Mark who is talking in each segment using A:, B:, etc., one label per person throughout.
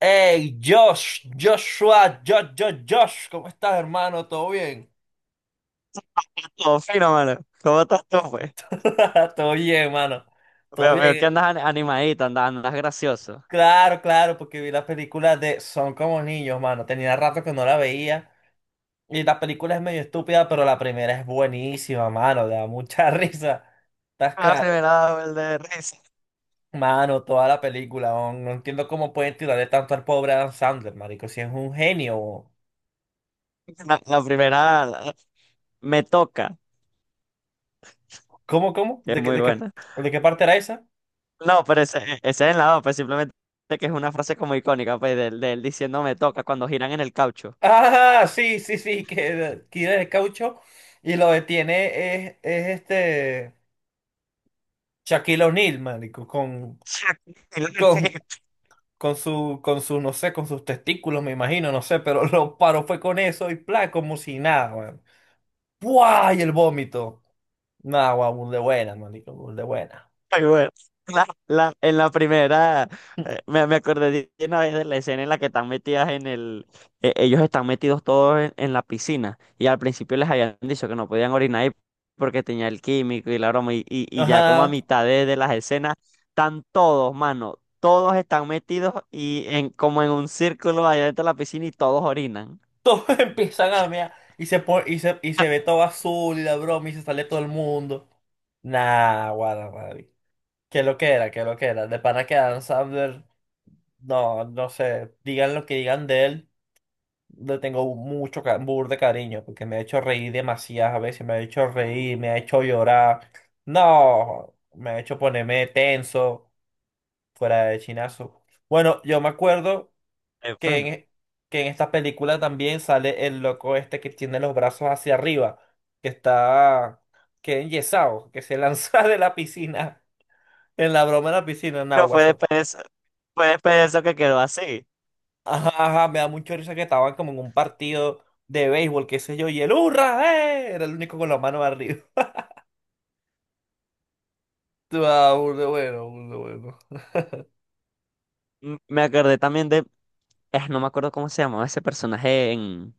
A: Hey, Josh, Joshua, Josh, Josh, Josh, ¿cómo estás, hermano? ¿Todo bien?
B: Todo fino, mano. ¿Cómo estás tú, pues?
A: Todo bien, hermano. Todo
B: Veo que
A: bien.
B: andas animadito, andas gracioso.
A: Claro, claro, porque vi la película de Son como niños, mano. Tenía rato que no la veía. Y la película es medio estúpida, pero la primera es buenísima, mano. Da mucha risa. ¿Estás
B: La
A: claro?
B: primera vez de risa.
A: Mano, toda la película. No, no entiendo cómo pueden tirarle tanto al pobre Adam Sandler, marico. Si es un genio.
B: La primera me toca,
A: ¿Cómo, cómo?
B: que es
A: ¿De qué,
B: muy buena.
A: de qué parte era esa?
B: No, pero ese es el lado, pues simplemente que es una frase como icónica, pues, del diciendo me toca cuando giran en el caucho.
A: Ah, sí, sí, sí, que tira el caucho y lo detiene es este Shaquille O'Neal, marico, con, con su, con su, no sé, con sus testículos, me imagino, no sé, pero lo paró fue con eso y plan, como si nada, weón. ¡Buah! Y el vómito. Nah, guau, burda de buena, marico, burda de buena.
B: Ay, bueno, en la primera, me acordé de una vez de la escena en la que están metidas en el, ellos están metidos todos en la piscina, y al principio les habían dicho que no podían orinar ahí porque tenía el químico y la broma, y ya como a
A: Ajá.
B: mitad de las escenas están todos, mano, todos están metidos y en como en un círculo allá dentro de la piscina y todos orinan.
A: Todos empiezan a mear y se ve todo azul y la broma y se sale todo el mundo. Nah, guau, qué lo que era, qué lo que era. De pana que Adam Sandler, no, no sé, digan lo que digan de él, le tengo burda de cariño, porque me ha hecho reír demasiadas veces, me ha hecho reír, me ha hecho llorar. No, me ha hecho ponerme tenso, fuera de chinazo. Bueno, yo me acuerdo
B: Eh,
A: que
B: bueno,
A: en, que en esta película también sale el loco este que tiene los brazos hacia arriba, que está, que es enyesado, que se lanza de la piscina. En la broma de la piscina, en
B: Pero fue
A: Aguaso.
B: después de eso, fue después de eso que quedó así.
A: Ajá, ajá, me da mucha risa que estaban como en un partido de béisbol, qué sé yo, y el ¡hurra! ¡Eh! Era el único con la mano arriba. Ah, burda bueno, burda bueno.
B: Me acordé también de, no me acuerdo cómo se llamaba ese personaje en,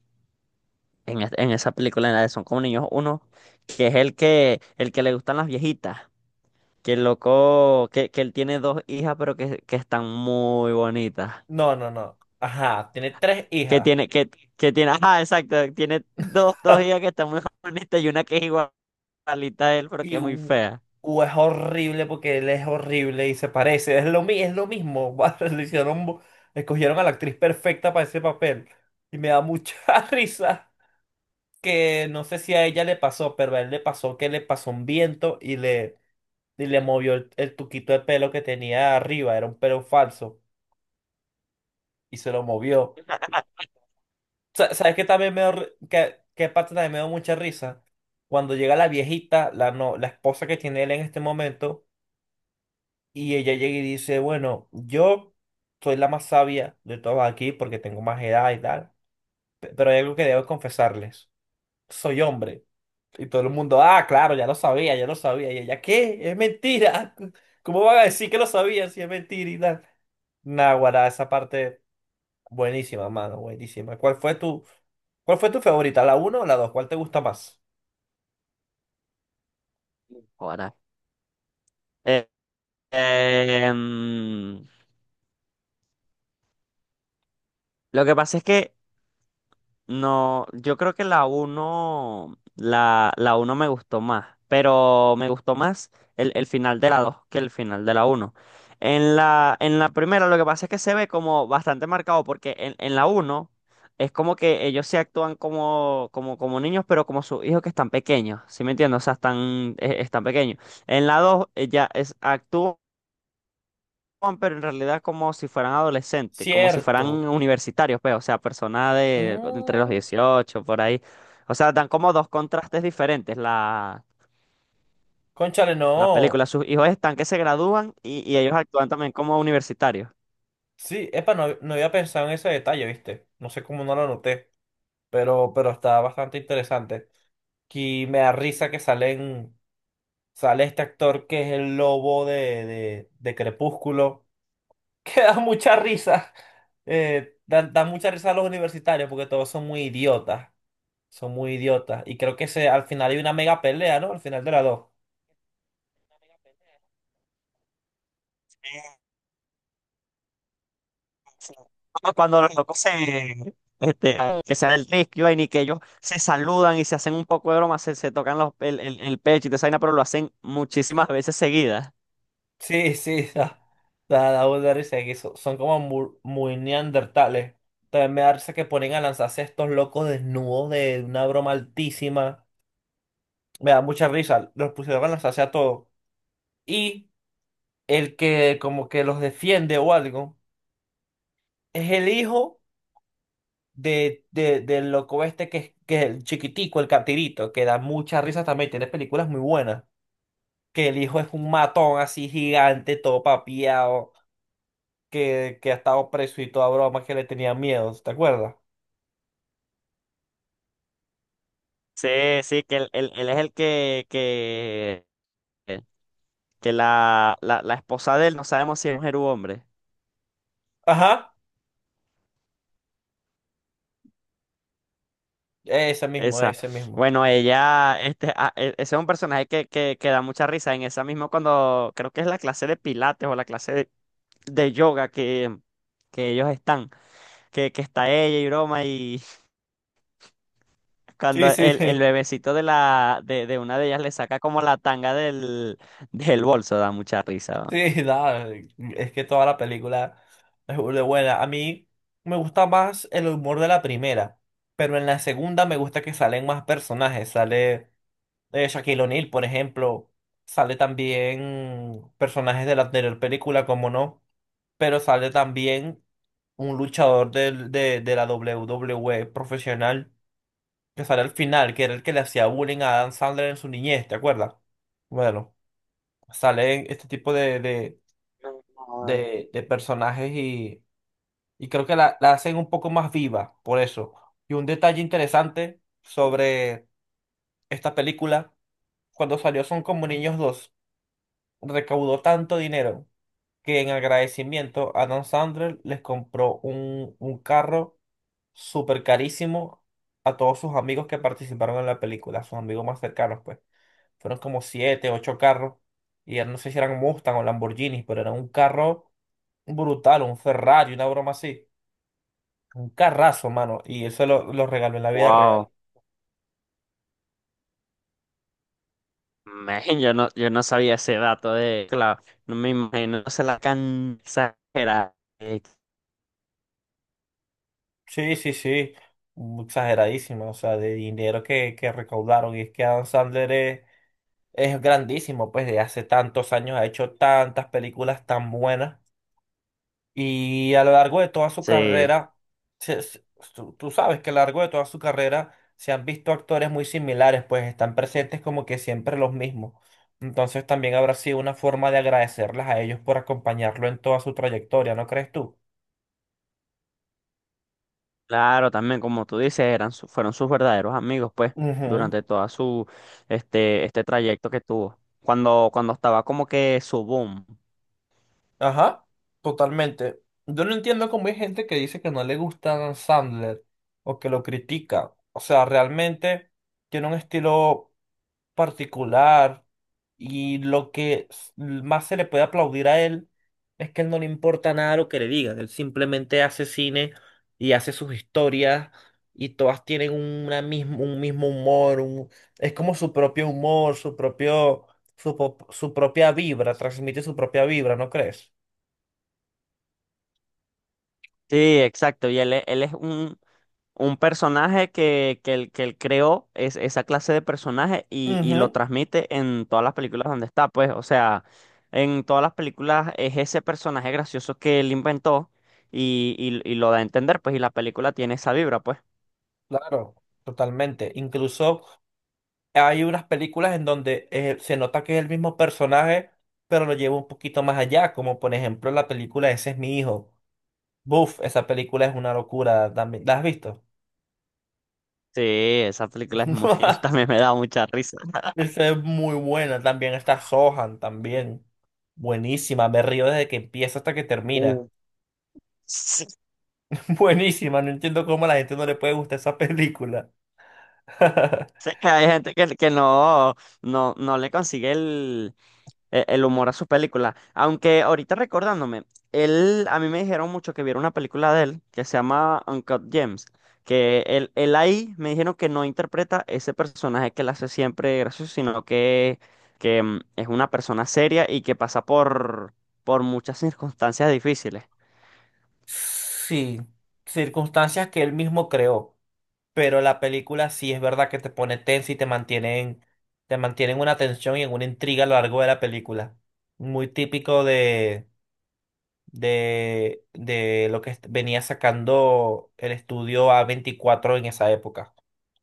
B: en, es- en esa película, en la de Son como niños uno, que es el que le gustan las viejitas, que el loco, que él tiene dos hijas, pero que están muy bonitas.
A: No, no, no. Ajá, tiene tres
B: Que
A: hijas.
B: tiene, que, que tiene, Ajá, exacto, tiene dos hijas que están muy bonitas y una que es igualita a él, pero que
A: Y
B: es muy
A: u-
B: fea.
A: u es horrible porque él es horrible y se parece. Es lo mismo. Escogieron a la actriz perfecta para ese papel. Y me da mucha risa que no sé si a ella le pasó, pero a él le pasó que le pasó un viento y le movió el tuquito de pelo que tenía arriba, era un pelo falso, y se lo movió. ¿Sabes qué también qué, parte también me dio mucha risa? Cuando llega la viejita, la, no, la esposa que tiene él en este momento, y ella llega y dice, bueno, yo soy la más sabia de todos aquí porque tengo más edad y tal, pero hay algo que debo confesarles, soy hombre. Y todo el mundo, ah, claro, ya lo sabía, ya lo sabía. Y ella, ¿qué? Es mentira. ¿Cómo van a decir que lo sabía si es mentira y tal? Naguará, esa parte buenísima, mano, buenísima. Cuál fue tu favorita? ¿La uno o la dos? ¿Cuál te gusta más?
B: Ahora. Eh, em, lo que pasa es que no, yo creo que la uno me gustó más, pero me gustó más el final de la 2 que el final de la uno. En la primera lo que pasa es que se ve como bastante marcado porque en la uno es como que ellos se actúan como niños, pero como sus hijos que están pequeños. ¿Sí me entiendes? O sea, están pequeños. En la 2 ella es, actúan. Juan, pero en realidad como si fueran adolescentes, como si fueran
A: Cierto.
B: universitarios, pues, o sea, personas de entre los
A: Mm,
B: 18 por ahí. O sea, dan como dos contrastes diferentes la,
A: cónchale,
B: la
A: no.
B: película. Sus hijos están que se gradúan y ellos actúan también como universitarios.
A: Sí, epa, no, no había pensado en ese detalle, ¿viste? No sé cómo no lo noté, pero está bastante interesante. Y me da risa que salen. Sale este actor que es el lobo de Crepúsculo, que da mucha risa. Da mucha risa a los universitarios porque todos son muy idiotas. Son muy idiotas. Y creo al final hay una mega pelea, ¿no? Al final de las dos.
B: Eh, sí. Como cuando los locos se, que se da el rescue y vaina, y que ellos se saludan y se hacen un poco de broma, se tocan el pecho y te vaina, pero lo hacen muchísimas veces seguidas.
A: Sí, sí, da mucha risa. Que son como muy, neandertales. También me da risa que ponen a lanzarse a estos locos desnudos de una broma altísima. Me da mucha risa. Los pusieron a lanzarse a todos. Y el que como que los defiende o algo. Es el hijo del loco este que es el chiquitico, el captirito, que da muchas risas también, tiene películas muy buenas. Que el hijo es un matón así gigante, todo papiado, que ha estado preso y toda broma, que le tenía miedo, ¿te acuerdas?
B: Sí, sí, que él es el que la esposa de él, no sabemos si es mujer u hombre.
A: Ajá, ese mismo,
B: Esa.
A: ese mismo.
B: Bueno, ella, este, ah, e- ese es un personaje que da mucha risa. En esa misma cuando creo que es la clase de pilates o la clase de yoga que ellos están, que está ella y broma, y
A: Sí,
B: cuando
A: sí,
B: el
A: sí,
B: bebecito de una de ellas le saca como la tanga del bolso, da mucha risa.
A: sí, nada, es que toda la película es burda de buena. A mí me gusta más el humor de la primera, pero en la segunda me gusta que salen más personajes, de Shaquille O'Neal, por ejemplo. Sale también personajes de la anterior película, como no, pero sale también un luchador de la WWE profesional que sale al final, que era el que le hacía bullying a Adam Sandler en su niñez, ¿te acuerdas? Bueno, salen este tipo de personajes y creo que la hacen un poco más viva, por eso. Y un detalle interesante sobre esta película, cuando salió Son como niños 2 recaudó tanto dinero que en agradecimiento Adam Sandler les compró un carro súper carísimo a todos sus amigos que participaron en la película, a sus amigos más cercanos, pues. Fueron como siete, ocho carros. Y ya no sé si eran Mustang o Lamborghinis, pero era un carro brutal, un Ferrari, una broma así. Un carrazo, mano. Y eso lo regaló en la vida
B: Wow.
A: real.
B: Man, yo no sabía ese dato de, claro, no me imagino, se la can exagerada. eh,
A: Sí, sí, sí, exageradísima, o sea, de dinero que recaudaron. Y es que Adam Sandler es grandísimo, pues de hace tantos años ha hecho tantas películas tan buenas. Y a lo largo de toda su
B: Sí,
A: carrera, se- se- tú sabes que a lo largo de toda su carrera se han visto actores muy similares, pues están presentes como que siempre los mismos. Entonces también habrá sido una forma de agradecerles a ellos por acompañarlo en toda su trayectoria, ¿no crees tú?
B: claro, también como tú dices, fueron sus verdaderos amigos, pues,
A: Ujú.
B: durante toda su, este trayecto que tuvo. Cuando estaba como que su boom.
A: Ajá, totalmente. Yo no entiendo cómo hay gente que dice que no le gusta Sandler o que lo critica. O sea, realmente tiene un estilo particular y lo que más se le puede aplaudir a él es que él no le importa nada lo que le digan. Él simplemente hace cine y hace sus historias y todas tienen una mismo, un mismo humor. Es como su propio humor, su propia vibra, transmite su propia vibra, ¿no crees?
B: Sí, exacto, y él es un personaje que él creó es esa clase de personaje y lo
A: Ujú,
B: transmite en todas las películas donde está, pues, o sea, en todas las películas es ese personaje gracioso que él inventó y lo da a entender, pues, y la película tiene esa vibra, pues.
A: claro, totalmente. Incluso hay unas películas en donde se nota que es el mismo personaje, pero lo lleva un poquito más allá, como por ejemplo la película Ese es mi hijo. Buf, esa película es una locura también. ¿La has visto?
B: Sí, esa película es muy, también me da mucha risa.
A: Esa es muy buena. También está Sohan, también. Buenísima, me río desde que empieza hasta que termina.
B: Uh. Sí,
A: Buenísima, no entiendo cómo a la gente no le puede gustar esa película.
B: sí, hay gente que no le consigue el humor a sus películas. Aunque ahorita recordándome, él, a mí me dijeron mucho que viera una película de él que se llama Uncut Gems, que él ahí me dijeron que no interpreta ese personaje que él hace siempre gracioso, sino que es una persona seria y que pasa por muchas circunstancias difíciles.
A: Sí, circunstancias que él mismo creó. Pero la película sí es verdad que te pone tensa y te mantienen una tensión y en una intriga a lo largo de la película. Muy típico de lo que venía sacando el estudio A24 en esa época.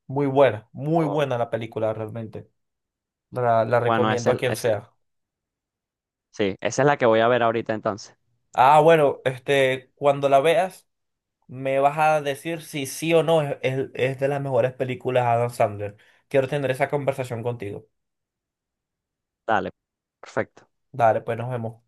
A: Muy
B: Oh,
A: buena la película realmente. La
B: bueno,
A: recomiendo a quien sea.
B: sí, esa es la que voy a ver ahorita entonces.
A: Ah, bueno, cuando la veas, me vas a decir si sí o no es de las mejores películas de Adam Sandler. Quiero tener esa conversación contigo.
B: Dale, perfecto.
A: Dale, pues nos vemos.